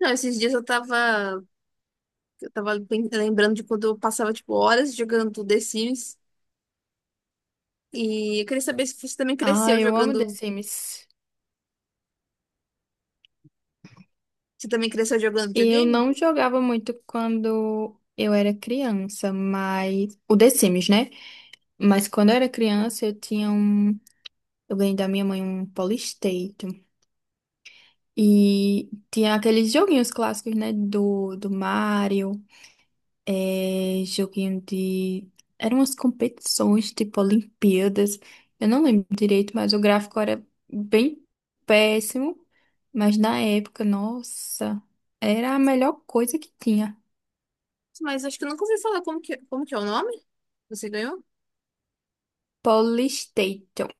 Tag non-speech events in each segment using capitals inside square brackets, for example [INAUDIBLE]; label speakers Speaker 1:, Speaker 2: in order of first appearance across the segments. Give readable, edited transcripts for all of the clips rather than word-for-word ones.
Speaker 1: Não, esses dias eu tava lembrando de quando eu passava, tipo, horas jogando The Sims. E eu queria saber se você também
Speaker 2: Ah,
Speaker 1: cresceu
Speaker 2: eu amo The
Speaker 1: jogando.
Speaker 2: Sims.
Speaker 1: Você também cresceu jogando
Speaker 2: Eu
Speaker 1: videogame?
Speaker 2: não jogava muito quando eu era criança, mas o The Sims, né? Mas quando eu era criança, eu tinha um. Eu ganhei da minha mãe um Polystation. E tinha aqueles joguinhos clássicos, né? Do Mario. Joguinho de. Eram umas competições, tipo Olimpíadas. Eu não lembro direito, mas o gráfico era bem péssimo. Mas na época, nossa, era a melhor coisa que tinha.
Speaker 1: Mas acho que eu nunca ouvi falar como que é o nome? Você ganhou?
Speaker 2: Polystation.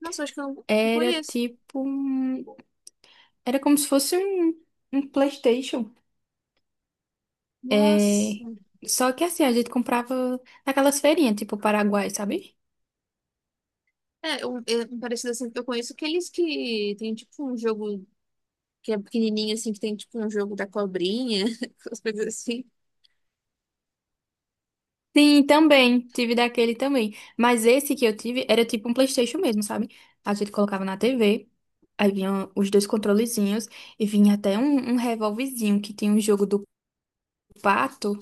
Speaker 1: Nossa, acho que eu não
Speaker 2: Era
Speaker 1: conheço.
Speaker 2: tipo. Era como se fosse um PlayStation.
Speaker 1: Nossa.
Speaker 2: É... Só que assim, a gente comprava naquelas feirinhas, tipo Paraguai, sabe?
Speaker 1: É, um, é, um parecido assim que eu conheço aqueles que tem tipo um jogo, que é pequenininho, assim, que tem tipo um jogo da cobrinha, [LAUGHS] as coisas assim.
Speaker 2: Sim, também. Tive daquele também. Mas esse que eu tive era tipo um PlayStation mesmo, sabe? A gente colocava na TV, aí vinham os dois controlezinhos e vinha até um revolvezinho que tinha um jogo do pato.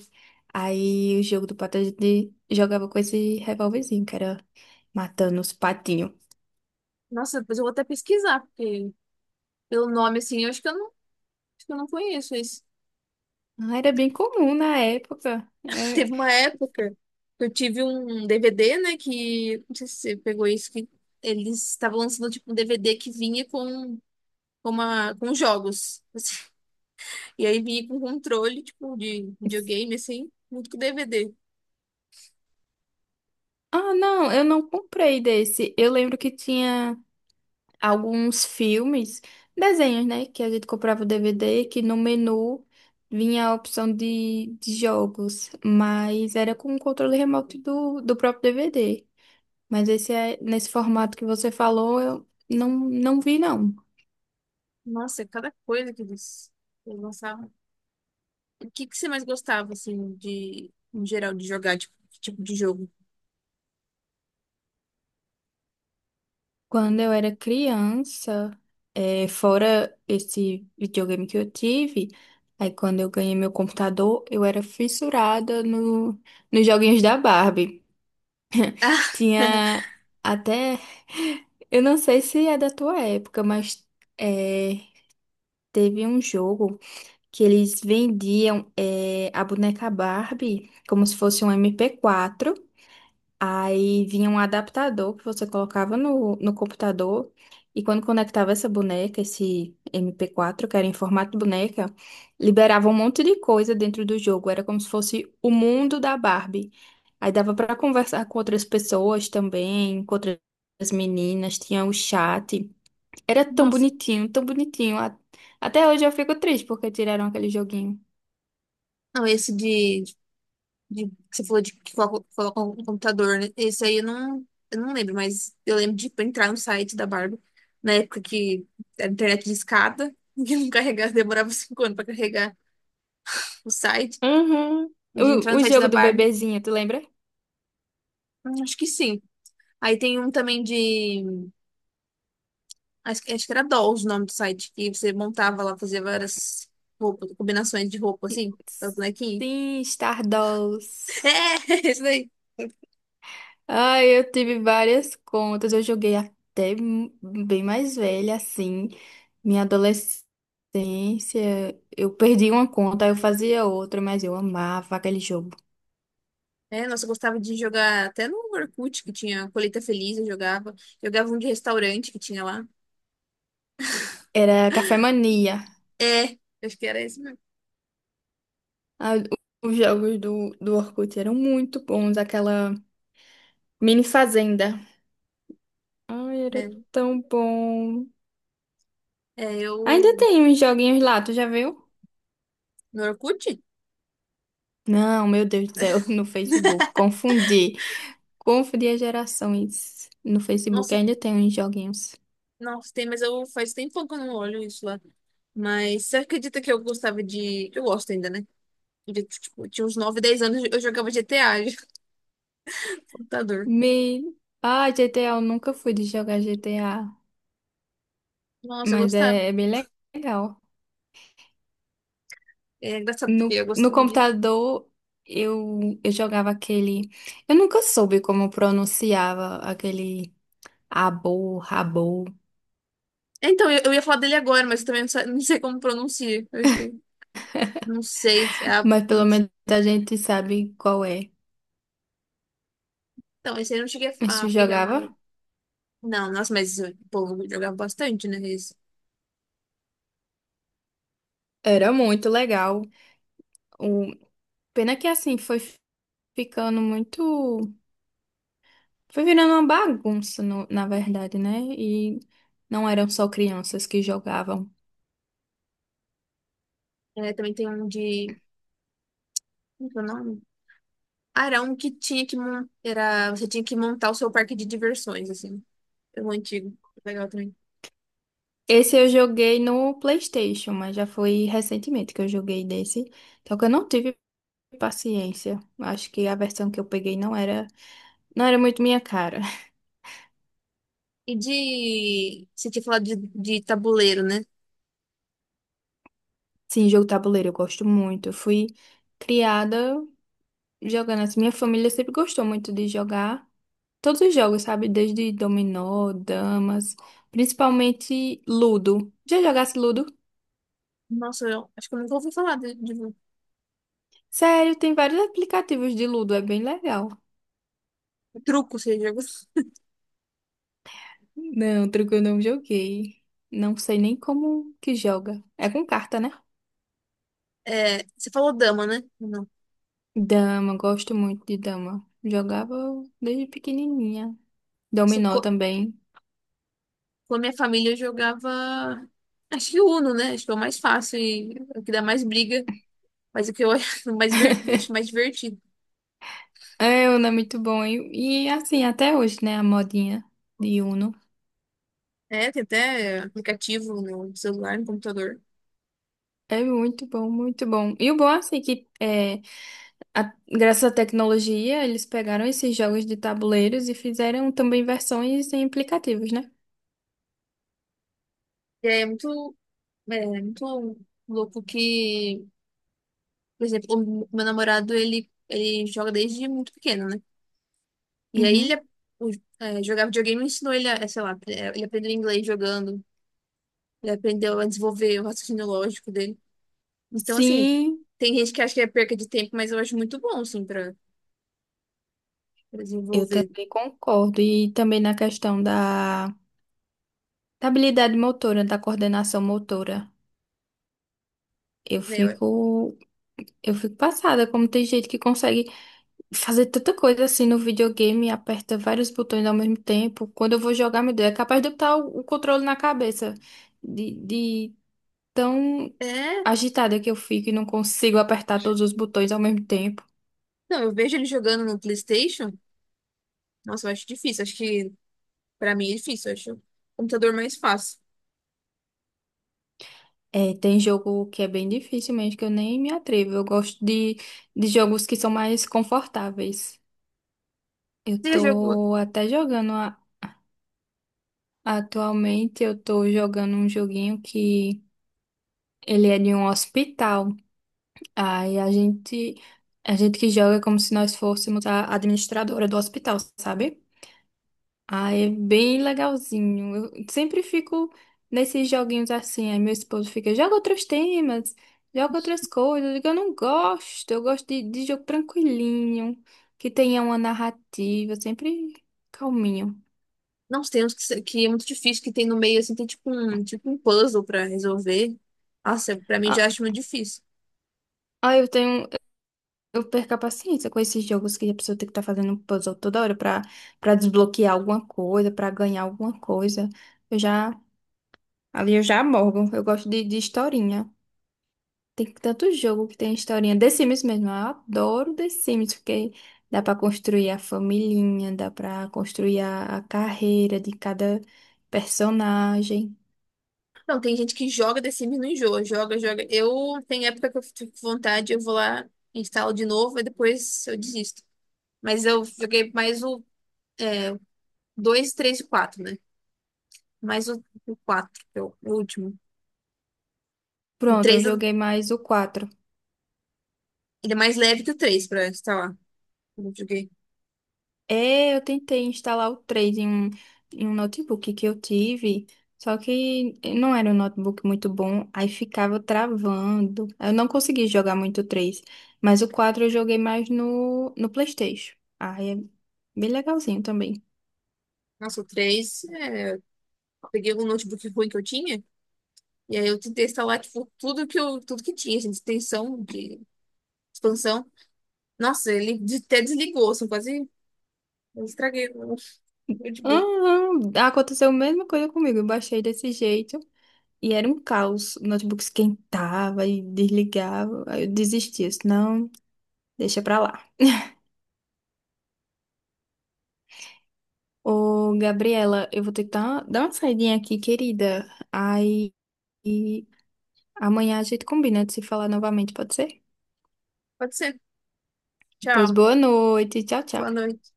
Speaker 2: Aí o jogo do pato a gente jogava com esse revolvezinho, que era matando os patinhos.
Speaker 1: Nossa, depois eu vou até pesquisar, porque pelo nome, assim, eu acho que eu não, acho que eu não conheço isso.
Speaker 2: Ah, era bem comum na época,
Speaker 1: [LAUGHS]
Speaker 2: né?
Speaker 1: Teve uma época que eu tive um DVD, né, que, não sei se você pegou isso, que eles estavam lançando, tipo, um DVD que vinha com jogos. [LAUGHS] E aí vinha com controle, tipo, de videogame, assim, muito com DVD.
Speaker 2: Ah, não, eu não comprei desse. Eu lembro que tinha alguns filmes, desenhos, né? Que a gente comprava o DVD, que no menu vinha a opção de jogos, mas era com o controle remoto do próprio DVD. Mas esse é, nesse formato que você falou, eu não vi, não.
Speaker 1: Nossa, cada coisa que eles lançavam. O que que você mais gostava, assim, de, em geral, de jogar, tipo, que tipo de jogo?
Speaker 2: Quando eu era criança, fora esse videogame que eu tive, aí quando eu ganhei meu computador, eu era fissurada no, nos joguinhos da Barbie. Tinha até. Eu não sei se é da tua época, mas é, teve um jogo que eles vendiam a boneca Barbie como se fosse um MP4. Aí vinha um adaptador que você colocava no computador e quando conectava essa boneca, esse MP4, que era em formato de boneca, liberava um monte de coisa dentro do jogo. Era como se fosse o mundo da Barbie. Aí dava pra conversar com outras pessoas também, com outras meninas, tinha o chat. Era tão
Speaker 1: Nossa.
Speaker 2: bonitinho, tão bonitinho. A- Até hoje eu fico triste porque tiraram aquele joguinho.
Speaker 1: Não, esse de que você falou de que coloca um computador, né? Esse aí eu não lembro, mas eu lembro de tipo, entrar no site da Barbie, na época que a internet de escada, [LAUGHS] que não carregava, demorava 5 anos pra carregar o site,
Speaker 2: Uhum.
Speaker 1: de entrar no
Speaker 2: O
Speaker 1: site
Speaker 2: jogo
Speaker 1: da
Speaker 2: do
Speaker 1: Barbie.
Speaker 2: bebezinho, tu lembra?
Speaker 1: Acho que sim. Aí tem um também de. Acho que era Dolls o nome do site, que você montava lá, fazia várias roupas, combinações de roupa, assim, pra bonequinho.
Speaker 2: Sim, Stardust.
Speaker 1: [LAUGHS] É, isso daí.
Speaker 2: Ai, eu tive várias contas. Eu joguei até m- bem mais velha, assim. Minha adolescência, eu perdi uma conta, aí eu fazia outra, mas eu amava aquele jogo.
Speaker 1: É, nossa, eu gostava de jogar até no Orkut, que tinha Colheita Feliz, eu jogava. Jogava um de restaurante que tinha lá.
Speaker 2: Era Café Mania.
Speaker 1: É, acho que era esse mesmo.
Speaker 2: Ah, os jogos do Orkut eram muito bons. Aquela mini fazenda. Ai, era
Speaker 1: É,
Speaker 2: tão bom.
Speaker 1: é,
Speaker 2: Ainda
Speaker 1: eu.
Speaker 2: tem uns joguinhos lá, tu já viu?
Speaker 1: No Orkut?
Speaker 2: Não, meu Deus do céu, [LAUGHS] no Facebook. Confundi. Confundir gerações no Facebook.
Speaker 1: Nossa,
Speaker 2: Ainda tem uns joguinhos.
Speaker 1: nossa, tem, mas eu faz tempo que eu não olho isso lá. Mas você acredita que eu gostava de. Eu gosto ainda, né? De, tipo, tinha uns 9 10 anos, eu jogava GTA de [LAUGHS] computador.
Speaker 2: Me... Ah, GTA, eu nunca fui de jogar GTA,
Speaker 1: Nossa, eu
Speaker 2: mas
Speaker 1: gostava.
Speaker 2: é bem legal.
Speaker 1: É engraçado porque eu
Speaker 2: No
Speaker 1: gostava dele.
Speaker 2: computador, eu jogava aquele. Eu nunca soube como pronunciava aquele rabo,
Speaker 1: É, então, eu ia falar dele agora, mas eu também não sei como pronuncia. Eu acho que. Não sei se é a.
Speaker 2: mas pelo menos a gente sabe qual é.
Speaker 1: Então, esse aí eu não cheguei
Speaker 2: A
Speaker 1: a
Speaker 2: gente
Speaker 1: a pegar mais.
Speaker 2: jogava.
Speaker 1: Não, nossa, mas o povo jogava bastante, né? Esse.
Speaker 2: Era muito legal. O... Pena que assim foi ficando muito. Foi virando uma bagunça, na verdade, né? E não eram só crianças que jogavam.
Speaker 1: É, também tem um de. Como que é o nome? Ah, era um que tinha que montar. Você tinha que montar o seu parque de diversões, assim. É um antigo. Legal também.
Speaker 2: Esse eu joguei no PlayStation, mas já foi recentemente que eu joguei desse. Só que eu não tive paciência. Acho que a versão que eu peguei não não era muito minha cara. [LAUGHS]
Speaker 1: E de. Você tinha falado de tabuleiro, né?
Speaker 2: Sim, jogo tabuleiro eu gosto muito. Eu fui criada jogando assim. Minha família sempre gostou muito de jogar todos os jogos, sabe? Desde dominó, damas, principalmente Ludo. Já jogasse Ludo?
Speaker 1: Nossa, eu acho que eu nunca ouvi falar de
Speaker 2: Sério, tem vários aplicativos de Ludo, é bem legal.
Speaker 1: truco, você jogou.
Speaker 2: Não, truco eu não joguei. Não sei nem como que joga. É com carta, né?
Speaker 1: É, você falou dama, né? Não.
Speaker 2: Dama, gosto muito de dama. Jogava desde pequenininha.
Speaker 1: Isso
Speaker 2: Dominó
Speaker 1: co-
Speaker 2: também.
Speaker 1: Com a minha família eu jogava. Acho que Uno, né? Acho que é o mais fácil e é o que dá mais briga, mas o que eu [LAUGHS] acho mais, ver-
Speaker 2: [LAUGHS]
Speaker 1: acho mais divertido.
Speaker 2: É, Uno é muito bom. Assim, até hoje, né? A modinha de Uno.
Speaker 1: É, tem até aplicativo no celular, no computador.
Speaker 2: É muito bom, muito bom. E o bom, assim, a- graças à tecnologia, eles pegaram esses jogos de tabuleiros e fizeram também versões em aplicativos, né?
Speaker 1: E aí é muito louco que, por exemplo, o meu namorado ele joga desde muito pequeno, né? E aí
Speaker 2: Uhum.
Speaker 1: ele o- jogar videogame ensinou ele a, sei lá, ele aprendeu inglês jogando, ele aprendeu a desenvolver o raciocínio lógico dele. Então, assim,
Speaker 2: Sim,
Speaker 1: tem gente que acha que é perca de tempo, mas eu acho muito bom, assim, pra
Speaker 2: eu
Speaker 1: desenvolver,
Speaker 2: também concordo. E também na questão da habilidade motora, da coordenação motora. Eu
Speaker 1: né?
Speaker 2: fico, eu fico passada, como tem gente que consegue fazer tanta coisa assim no videogame, aperta vários botões ao mesmo tempo. Quando eu vou jogar, meu Deus, é capaz de eu botar o controle na cabeça de tão
Speaker 1: É,
Speaker 2: agitada que eu fico e não consigo apertar todos os botões ao mesmo tempo.
Speaker 1: não, eu vejo ele jogando no PlayStation, nossa, eu acho difícil, acho que pra mim é difícil, eu acho o computador mais fácil.
Speaker 2: É, tem jogo que é bem difícil mesmo, que eu nem me atrevo. Eu gosto de jogos que são mais confortáveis. Eu
Speaker 1: Você já jogou?
Speaker 2: tô até jogando atualmente, eu tô jogando um joguinho que ele é de um hospital. Aí a gente, a gente que joga é como se nós fôssemos a administradora do hospital, sabe? Ah, é bem legalzinho. Eu sempre fico nesses joguinhos assim. Aí meu esposo fica, joga outros temas, joga outras coisas. Eu digo, eu não gosto, eu gosto de jogo tranquilinho, que tenha uma narrativa, sempre calminho.
Speaker 1: Não, tem uns que, que é muito difícil, que tem no meio, assim, tem tipo um puzzle pra resolver. Nossa, pra mim já
Speaker 2: Ah,
Speaker 1: acho muito difícil.
Speaker 2: ah, eu tenho, eu perco a paciência com esses jogos que a pessoa tem que estar fazendo um puzzle toda hora pra desbloquear alguma coisa, pra ganhar alguma coisa. Eu já, ali eu já morgo. Eu gosto de historinha. Tem tanto jogo que tem historinha. The Sims mesmo, eu adoro The Sims, porque dá pra construir a familhinha, dá pra construir a carreira de cada personagem.
Speaker 1: Não, tem gente que joga The Sims e não enjoa, joga, joga. Tem época que eu fico com vontade, eu vou lá, instalo de novo e depois eu desisto. Mas eu joguei mais o 2 3 e quatro, né? Mais o 4 que é o último. O
Speaker 2: Pronto, eu
Speaker 1: três ele
Speaker 2: joguei mais o 4.
Speaker 1: é mais leve que o 3 pra instalar. Eu joguei.
Speaker 2: É, eu tentei instalar o 3 em em um notebook que eu tive, só que não era um notebook muito bom, aí ficava travando. Eu não consegui jogar muito o 3, mas o 4 eu joguei mais no PlayStation. Aí é bem legalzinho também.
Speaker 1: Nossa, o 3, peguei um notebook ruim que eu tinha, e aí eu tentei instalar, tipo, tudo que tinha, assim, de extensão, de expansão. Nossa, ele até desligou, assim, quase eu estraguei o notebook.
Speaker 2: Uhum. Aconteceu a mesma coisa comigo. Eu baixei desse jeito e era um caos. O notebook esquentava e desligava. Aí eu desisti. Eu disse, não, deixa pra lá. Ô, Gabriela, eu vou ter que dar uma saidinha aqui, querida. Aí e amanhã a gente combina de se falar novamente, pode ser?
Speaker 1: Pode ser.
Speaker 2: Pois
Speaker 1: Tchau.
Speaker 2: boa noite. Tchau, tchau.
Speaker 1: Boa noite.